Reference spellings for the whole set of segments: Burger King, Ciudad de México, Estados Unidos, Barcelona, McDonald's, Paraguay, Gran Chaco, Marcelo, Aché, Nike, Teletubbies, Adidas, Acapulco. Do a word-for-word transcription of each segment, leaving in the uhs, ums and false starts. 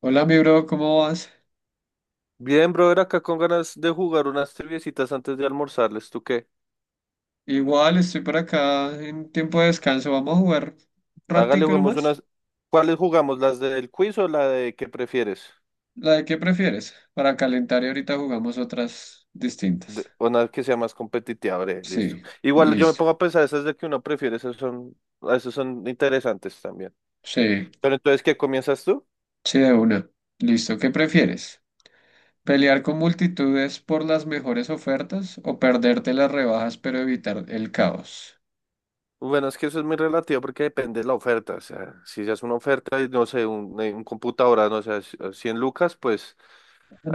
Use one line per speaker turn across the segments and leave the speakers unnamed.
Hola, mi bro, ¿cómo vas?
Bien, brother, acá con ganas de jugar unas triviecitas antes de almorzarles. ¿Tú qué?
Igual estoy por acá en tiempo de descanso. Vamos a jugar un
Hágale,
ratico
juguemos
nomás.
unas. ¿Cuáles jugamos? ¿Las del quiz o la de qué prefieres?
¿La de qué prefieres? Para calentar y ahorita jugamos otras distintas.
De- Una que sea más competitiva, breve, listo.
Sí,
Igual yo me
listo.
pongo a pensar, esas de que uno prefiere, esas son, esas son interesantes también.
Sí,
Pero entonces, ¿qué comienzas tú?
sí, de una. Listo, ¿qué prefieres? ¿Pelear con multitudes por las mejores ofertas o perderte las rebajas pero evitar el caos?
Bueno, es que eso es muy relativo porque depende de la oferta. O sea, si ya es una oferta y no sé, un, eh, un computadora, no sé, 100 lucas, pues.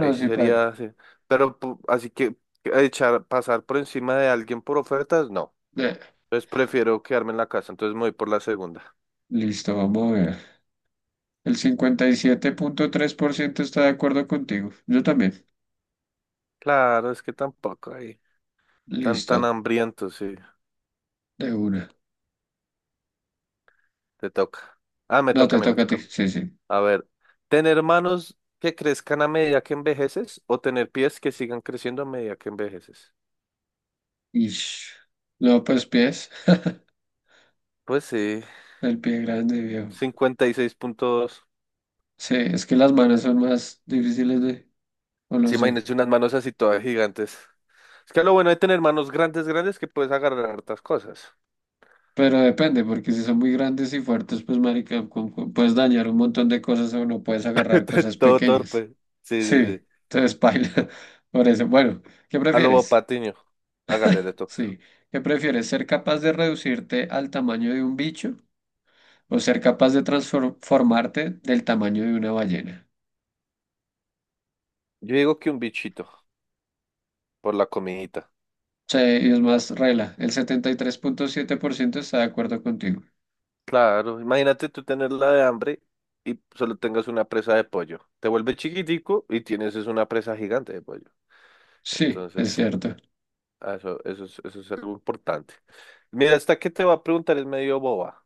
No,
sí
sí, paila.
sería, sí. Pero pu- así que que echar, pasar por encima de alguien por ofertas, no.
Eh,
Entonces prefiero quedarme en la casa, entonces me voy por la segunda.
Listo, vamos a ver. El cincuenta y siete punto tres por ciento está de acuerdo contigo. Yo también.
Claro, es que tampoco ahí. Tan,
Listo.
tan hambriento, sí.
De una.
Te toca. Ah, me
No,
toca
te
a mí, me
toca a
toca
ti.
a mí.
Sí, sí.
A ver, ¿tener manos que crezcan a medida que envejeces o tener pies que sigan creciendo a medida que envejeces?
Ish. No, pues pies.
Pues sí,
El pie grande, viejo.
cincuenta y seis punto dos.
Sí, es que las manos son más difíciles de. O no
Sí,
sé.
imagínense unas manos así todas gigantes. Es que lo bueno de tener manos grandes, grandes, que puedes agarrar hartas cosas.
Pero depende, porque si son muy grandes y fuertes, pues, marica, con- con- puedes dañar un montón de cosas o no puedes agarrar cosas
Todo
pequeñas.
torpe. Sí, sí,
Sí,
sí.
entonces paila. Por eso, bueno, ¿qué
A Lobo
prefieres?
Patiño. Hágale de todo.
Sí. ¿Qué prefieres? ¿Ser capaz de reducirte al tamaño de un bicho o ser capaz de transformarte del tamaño de una ballena?
Yo digo que un bichito por la comidita.
Sí, y es más regla. El setenta y tres punto siete por ciento está de acuerdo contigo.
Claro, imagínate tú tenerla de hambre y solo tengas una presa de pollo. Te vuelves chiquitico y tienes es una presa gigante de pollo.
Sí, es
Entonces,
cierto.
ah, eso, eso es, eso es algo importante. Mira, esta que te va a preguntar es medio boba.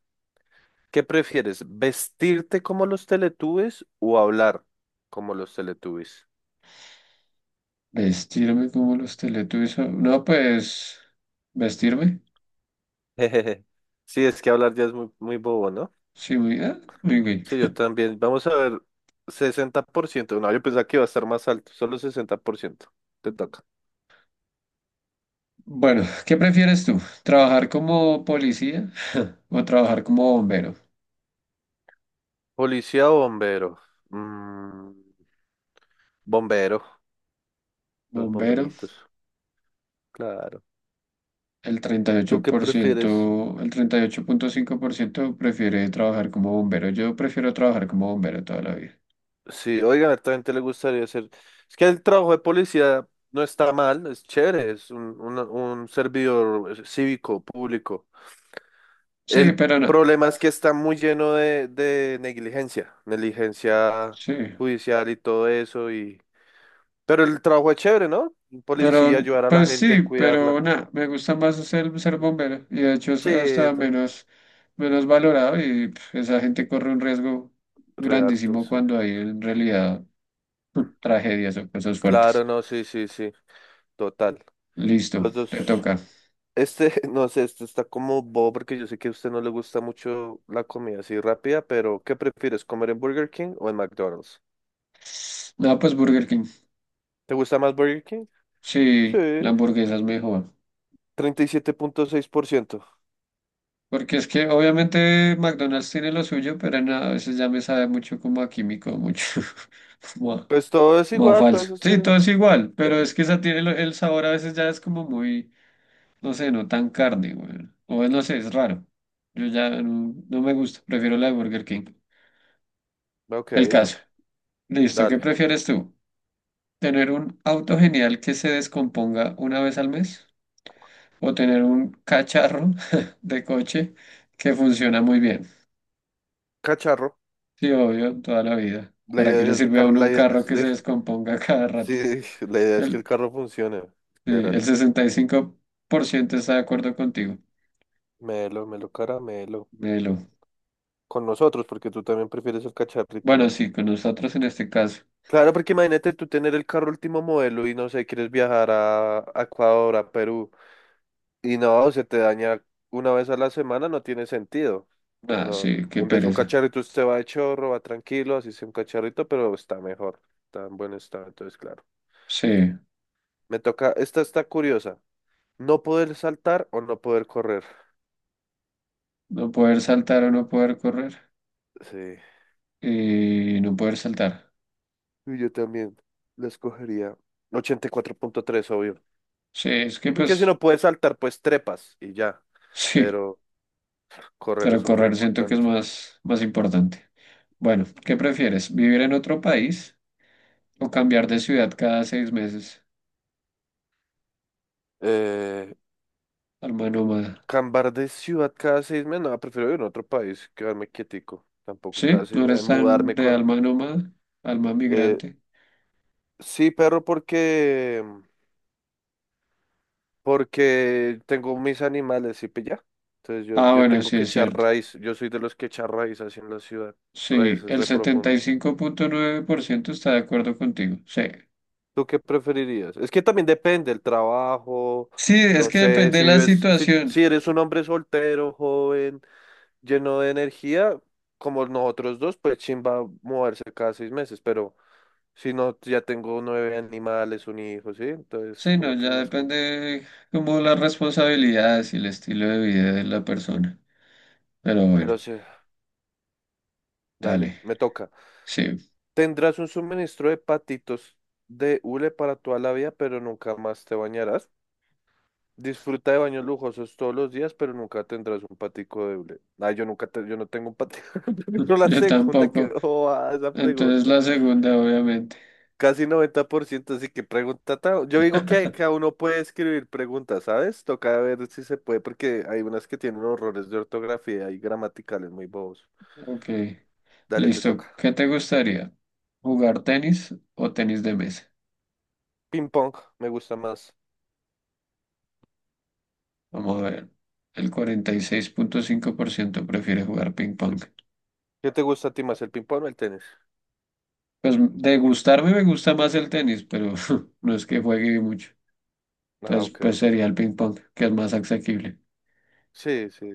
¿Qué prefieres? ¿Vestirte como los Teletubbies o hablar como los Teletubbies?
Vestirme como los Teletubbies. o- No, pues, vestirme.
Sí, es que hablar ya es muy, muy bobo, ¿no?
Sí, muy, ah, muy bien.
Sí, yo también. Vamos a ver, sesenta por ciento. No, yo pensaba que iba a estar más alto, solo sesenta por ciento. Te toca.
Bueno, ¿qué prefieres tú? ¿Trabajar como policía o trabajar como bombero?
Policía o bombero. Mm, Bombero, los
Bombero,
bomberitos. Claro.
el treinta y
¿Tú
ocho
qué
por
prefieres?
ciento el treinta y ocho punto cinco por ciento prefiere trabajar como bombero. Yo prefiero trabajar como bombero toda la vida.
Sí, oigan, a también le gustaría hacer. Es que el trabajo de policía no está mal, es chévere, es un, un, un servidor eh, cívico, público.
Sí,
El
pero no.
problema es que está muy lleno de, de negligencia, negligencia
Sí.
judicial y todo eso, y pero el trabajo es chévere, ¿no? Un policía,
Pero,
ayudar a la
pues
gente,
sí,
cuidarla.
pero nada, me gusta más ser, ser bombero y de hecho es
Sí,
hasta
to-
menos, menos valorado y pf, esa gente corre un riesgo
Real, to-
grandísimo
sí.
cuando hay en realidad tragedias o cosas fuertes.
Claro, no, sí, sí, sí, total.
Listo,
Los
te
dos.
toca.
Este, no sé, este está como bobo porque yo sé que a usted no le gusta mucho la comida así rápida, pero ¿qué prefieres, comer en Burger King o en McDonald's?
No, pues Burger King.
¿Te gusta más Burger King? Sí,
Sí, la hamburguesa es mejor.
treinta y siete punto seis por ciento.
Porque es que obviamente McDonald's tiene lo suyo, pero nada, a veces ya me sabe mucho como a químico, mucho como a,
Pues todo es
como a
igual, todos
falso.
esos
Sí,
tienen.
todo es igual, pero es que esa tiene lo- el sabor a veces ya es como muy, no sé, no tan carne, weón. O no sé, es raro. Yo ya no, no me gusta, prefiero la de Burger King.
Ok,
El caso. Listo, ¿qué
dale.
prefieres tú? ¿Tener un auto genial que se descomponga una vez al mes? ¿O tener un cacharro de coche que funciona muy bien?
Cacharro.
Sí, obvio, toda la vida.
La
¿Para qué le
idea es, el
sirve a
carro-
uno
la
un
idea
carro que se
es-
descomponga cada rato?
Sí, la idea es que el
El,
carro funcione.
sí,
Literal.
el sesenta y cinco por ciento está de acuerdo contigo.
Melo, melo, caramelo.
Melo.
Con nosotros, porque tú también prefieres el cacharrito,
Bueno,
¿no?
sí, con nosotros en este caso.
Claro, porque imagínate tú tener el carro último modelo y no sé, quieres viajar a a Ecuador, a Perú, y no, se te daña una vez a la semana, no tiene sentido.
Ah,
No,
sí, qué
en vez de un
pereza.
cacharrito, usted va de chorro, va tranquilo, así sea un cacharrito, pero está mejor, está en buen estado, entonces, claro.
Sí.
Me toca, esta está curiosa. ¿No poder saltar o no poder correr?
No poder saltar o no poder correr.
Sí,
Eh, no poder saltar.
y yo también la escogería. Ochenta y cuatro punto tres, obvio.
Sí, es que
Sí, porque si
pues
no puedes saltar, pues trepas y ya.
sí,
Pero correr es
pero
súper
correr siento que es
importante.
más, más importante. Bueno, ¿qué prefieres? ¿Vivir en otro país o cambiar de ciudad cada seis meses?
Eh,
Alma nómada.
Cambiar de ciudad cada seis meses. No, prefiero ir a otro país, quedarme quietico. Tampoco
Sí,
cada seis
no
meses
eres tan
mudarme
de
con...
alma nómada, alma
eh,
migrante.
sí, perro, porque... Porque tengo mis animales y pues ya. Entonces yo,
Ah,
yo
bueno,
tengo
sí
que
es
echar
cierto.
raíz. Yo soy de los que echar raíz así en la ciudad.
Sí,
Raíces
el
re
setenta y
profundas.
cinco punto nueve por ciento está de acuerdo contigo. Sí.
¿Tú qué preferirías? Es que también depende el trabajo,
Sí, es
no
que
sé,
depende de
si
la
vives, si,
situación.
si eres un hombre soltero, joven, lleno de energía, como nosotros dos, pues chimba moverse cada seis meses, pero si no, ya tengo nueve animales, un hijo, ¿sí? Entonces,
Sí, no,
como que es
ya
más complicado.
depende como las responsabilidades y el estilo de vida de la persona. Pero bueno,
Pero sí, dale,
dale.
me toca.
Sí,
Tendrás un suministro de patitos de hule para toda la vida, pero nunca más te bañarás. Disfruta de baños lujosos todos los días, pero nunca tendrás un patico doble. Ah, yo nunca te- yo no tengo un patico. Pero la
yo
segunda que
tampoco.
a esa
Entonces
pregunta.
la segunda, obviamente.
Casi noventa por ciento, así que pregunta. ta- Yo digo que cada uno puede escribir preguntas, ¿sabes? Toca ver si se puede, porque hay unas que tienen horrores de ortografía y gramaticales muy bobos.
Ok,
Dale, te
listo.
toca.
¿Qué te gustaría? ¿Jugar tenis o tenis de mesa?
Ping pong, me gusta más.
Vamos a ver. El cuarenta y seis punto cinco por ciento prefiere jugar ping pong.
¿Qué te gusta a ti más, el ping pong o el tenis?
Pues de gustarme me gusta más el tenis, pero no es que juegue mucho.
Ah,
Entonces,
ok,
pues
ok.
sería el ping pong, que es más asequible.
Sí, sí.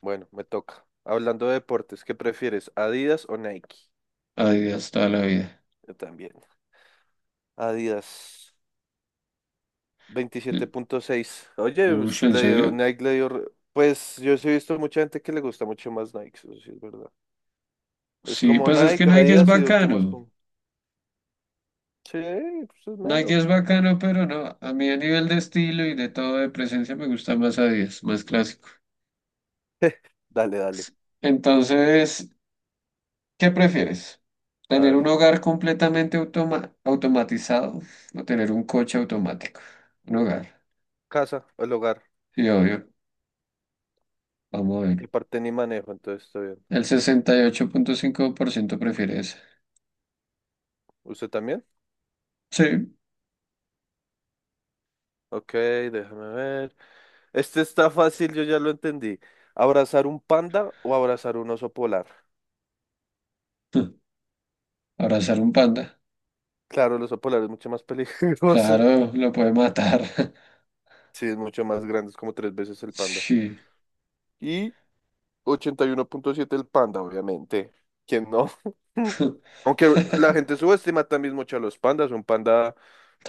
Bueno, me toca. Hablando de deportes, ¿qué prefieres, Adidas o Nike?
Adiós, toda la vida.
Yo también. Adidas, veintisiete punto seis. Oye,
Uy,
pues,
¿sí, ¿en
le dio,
serio?
Nike le dio... re- Pues yo sí he visto mucha gente que le gusta mucho más Nike, eso sí es verdad. Es
Sí,
como
pues es que
Nike,
Nike es
Adidas y de últimas...
bacano.
pum. Sí, pues es
Nike
mero.
es bacano, pero no. A mí a nivel de estilo y de todo de presencia me gusta más Adidas, más clásico.
Dale, dale.
Entonces, ¿qué prefieres?
A
¿Tener
ver.
un hogar completamente automa- automatizado o tener un coche automático? Un hogar.
Casa, el hogar.
Sí, obvio. Vamos a ver.
De parte ni manejo, entonces está bien.
El sesenta y ocho punto cinco por ciento prefiere eso.
¿Usted también?
Sí.
Ok, déjame ver. Este está fácil, yo ya lo entendí. ¿Abrazar un panda o abrazar un oso polar?
Abrazar un panda.
Claro, el oso polar es mucho más peligroso.
Claro, lo puede matar.
Sí, es mucho más grande, es como tres veces el panda.
Sí.
Y ochenta y uno punto siete el panda, obviamente. ¿Quién no? Aunque la gente subestima también mucho a los pandas. Un panda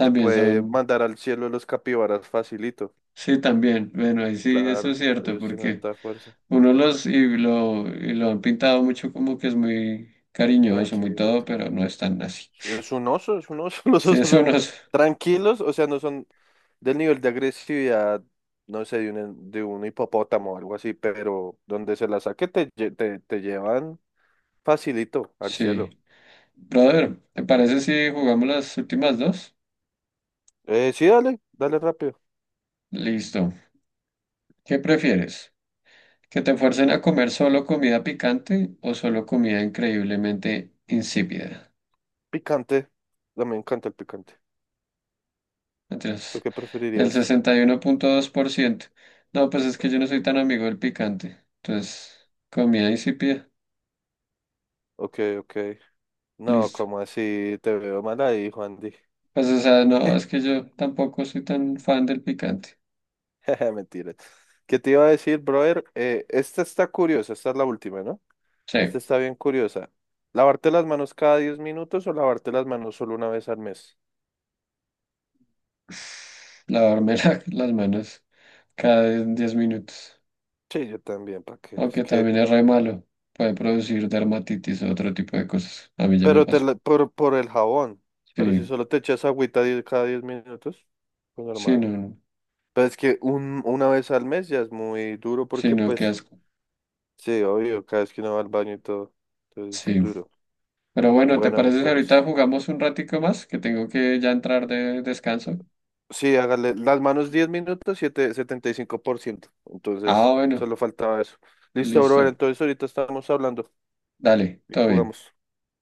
te puede
son,
mandar al cielo los capibaras facilito.
sí, también. Bueno, ahí sí, eso es
Claro,
cierto,
ellos tienen
porque
harta fuerza.
uno los y lo, y lo han pintado mucho como que es muy cariñoso, muy todo,
Tranquilate.
pero no es tan así.
Es un oso, es un oso. Los
Sí,
osos
eso
son
unos,
tranquilos, o sea, no son del nivel de agresividad, no sé, de un, de un hipopótamo o algo así, pero donde se la saque te, lle- te, te llevan facilito, al cielo.
sí. Brother, ¿te parece si jugamos las últimas dos?
Eh, sí, dale, dale rápido.
Listo. ¿Qué prefieres? ¿Que te fuercen a comer solo comida picante o solo comida increíblemente insípida?
Picante. A mí me encanta el picante. ¿Tú
Entonces,
qué
el
preferirías?
sesenta y uno punto dos por ciento. No, pues es que yo no soy tan amigo del picante. Entonces, comida insípida.
Ok, ok. ¿No,
Listo.
como así? Te veo mal ahí, Juan Di.
Pues, o sea, no, es que yo tampoco soy tan fan del picante.
Jeje, mentira. ¿Qué te iba a decir, brother? Eh, esta está curiosa, esta es la última, ¿no?
Sí.
Esta está bien curiosa. ¿Lavarte las manos cada diez minutos o lavarte las manos solo una vez al mes?
Lavarme la- las manos cada diez minutos.
Sí, yo también, ¿para qué? Es
Aunque
que...
también es re malo. Puede producir dermatitis o otro tipo de cosas. A mí ya me
Pero te
pasó.
la- por, por el jabón. Pero si
Sí,
solo te echas agüita diez cada diez minutos, pues
sí,
normal.
no,
Pues es que un, una vez al mes ya es muy duro
sí,
porque
no, qué
pues,
asco.
sí, obvio, cada vez que uno va al baño y todo, entonces
Sí.
duro.
Pero bueno, ¿te
Bueno, mi
parece si
pex.
ahorita jugamos un ratico más? Que tengo que ya entrar de descanso.
Sí, hágale las manos diez minutos, siete- setenta y cinco por ciento. Entonces,
Ah, bueno,
solo faltaba eso. Listo, brother,
listo.
entonces ahorita estamos hablando
Dale,
y
todo bien.
jugamos.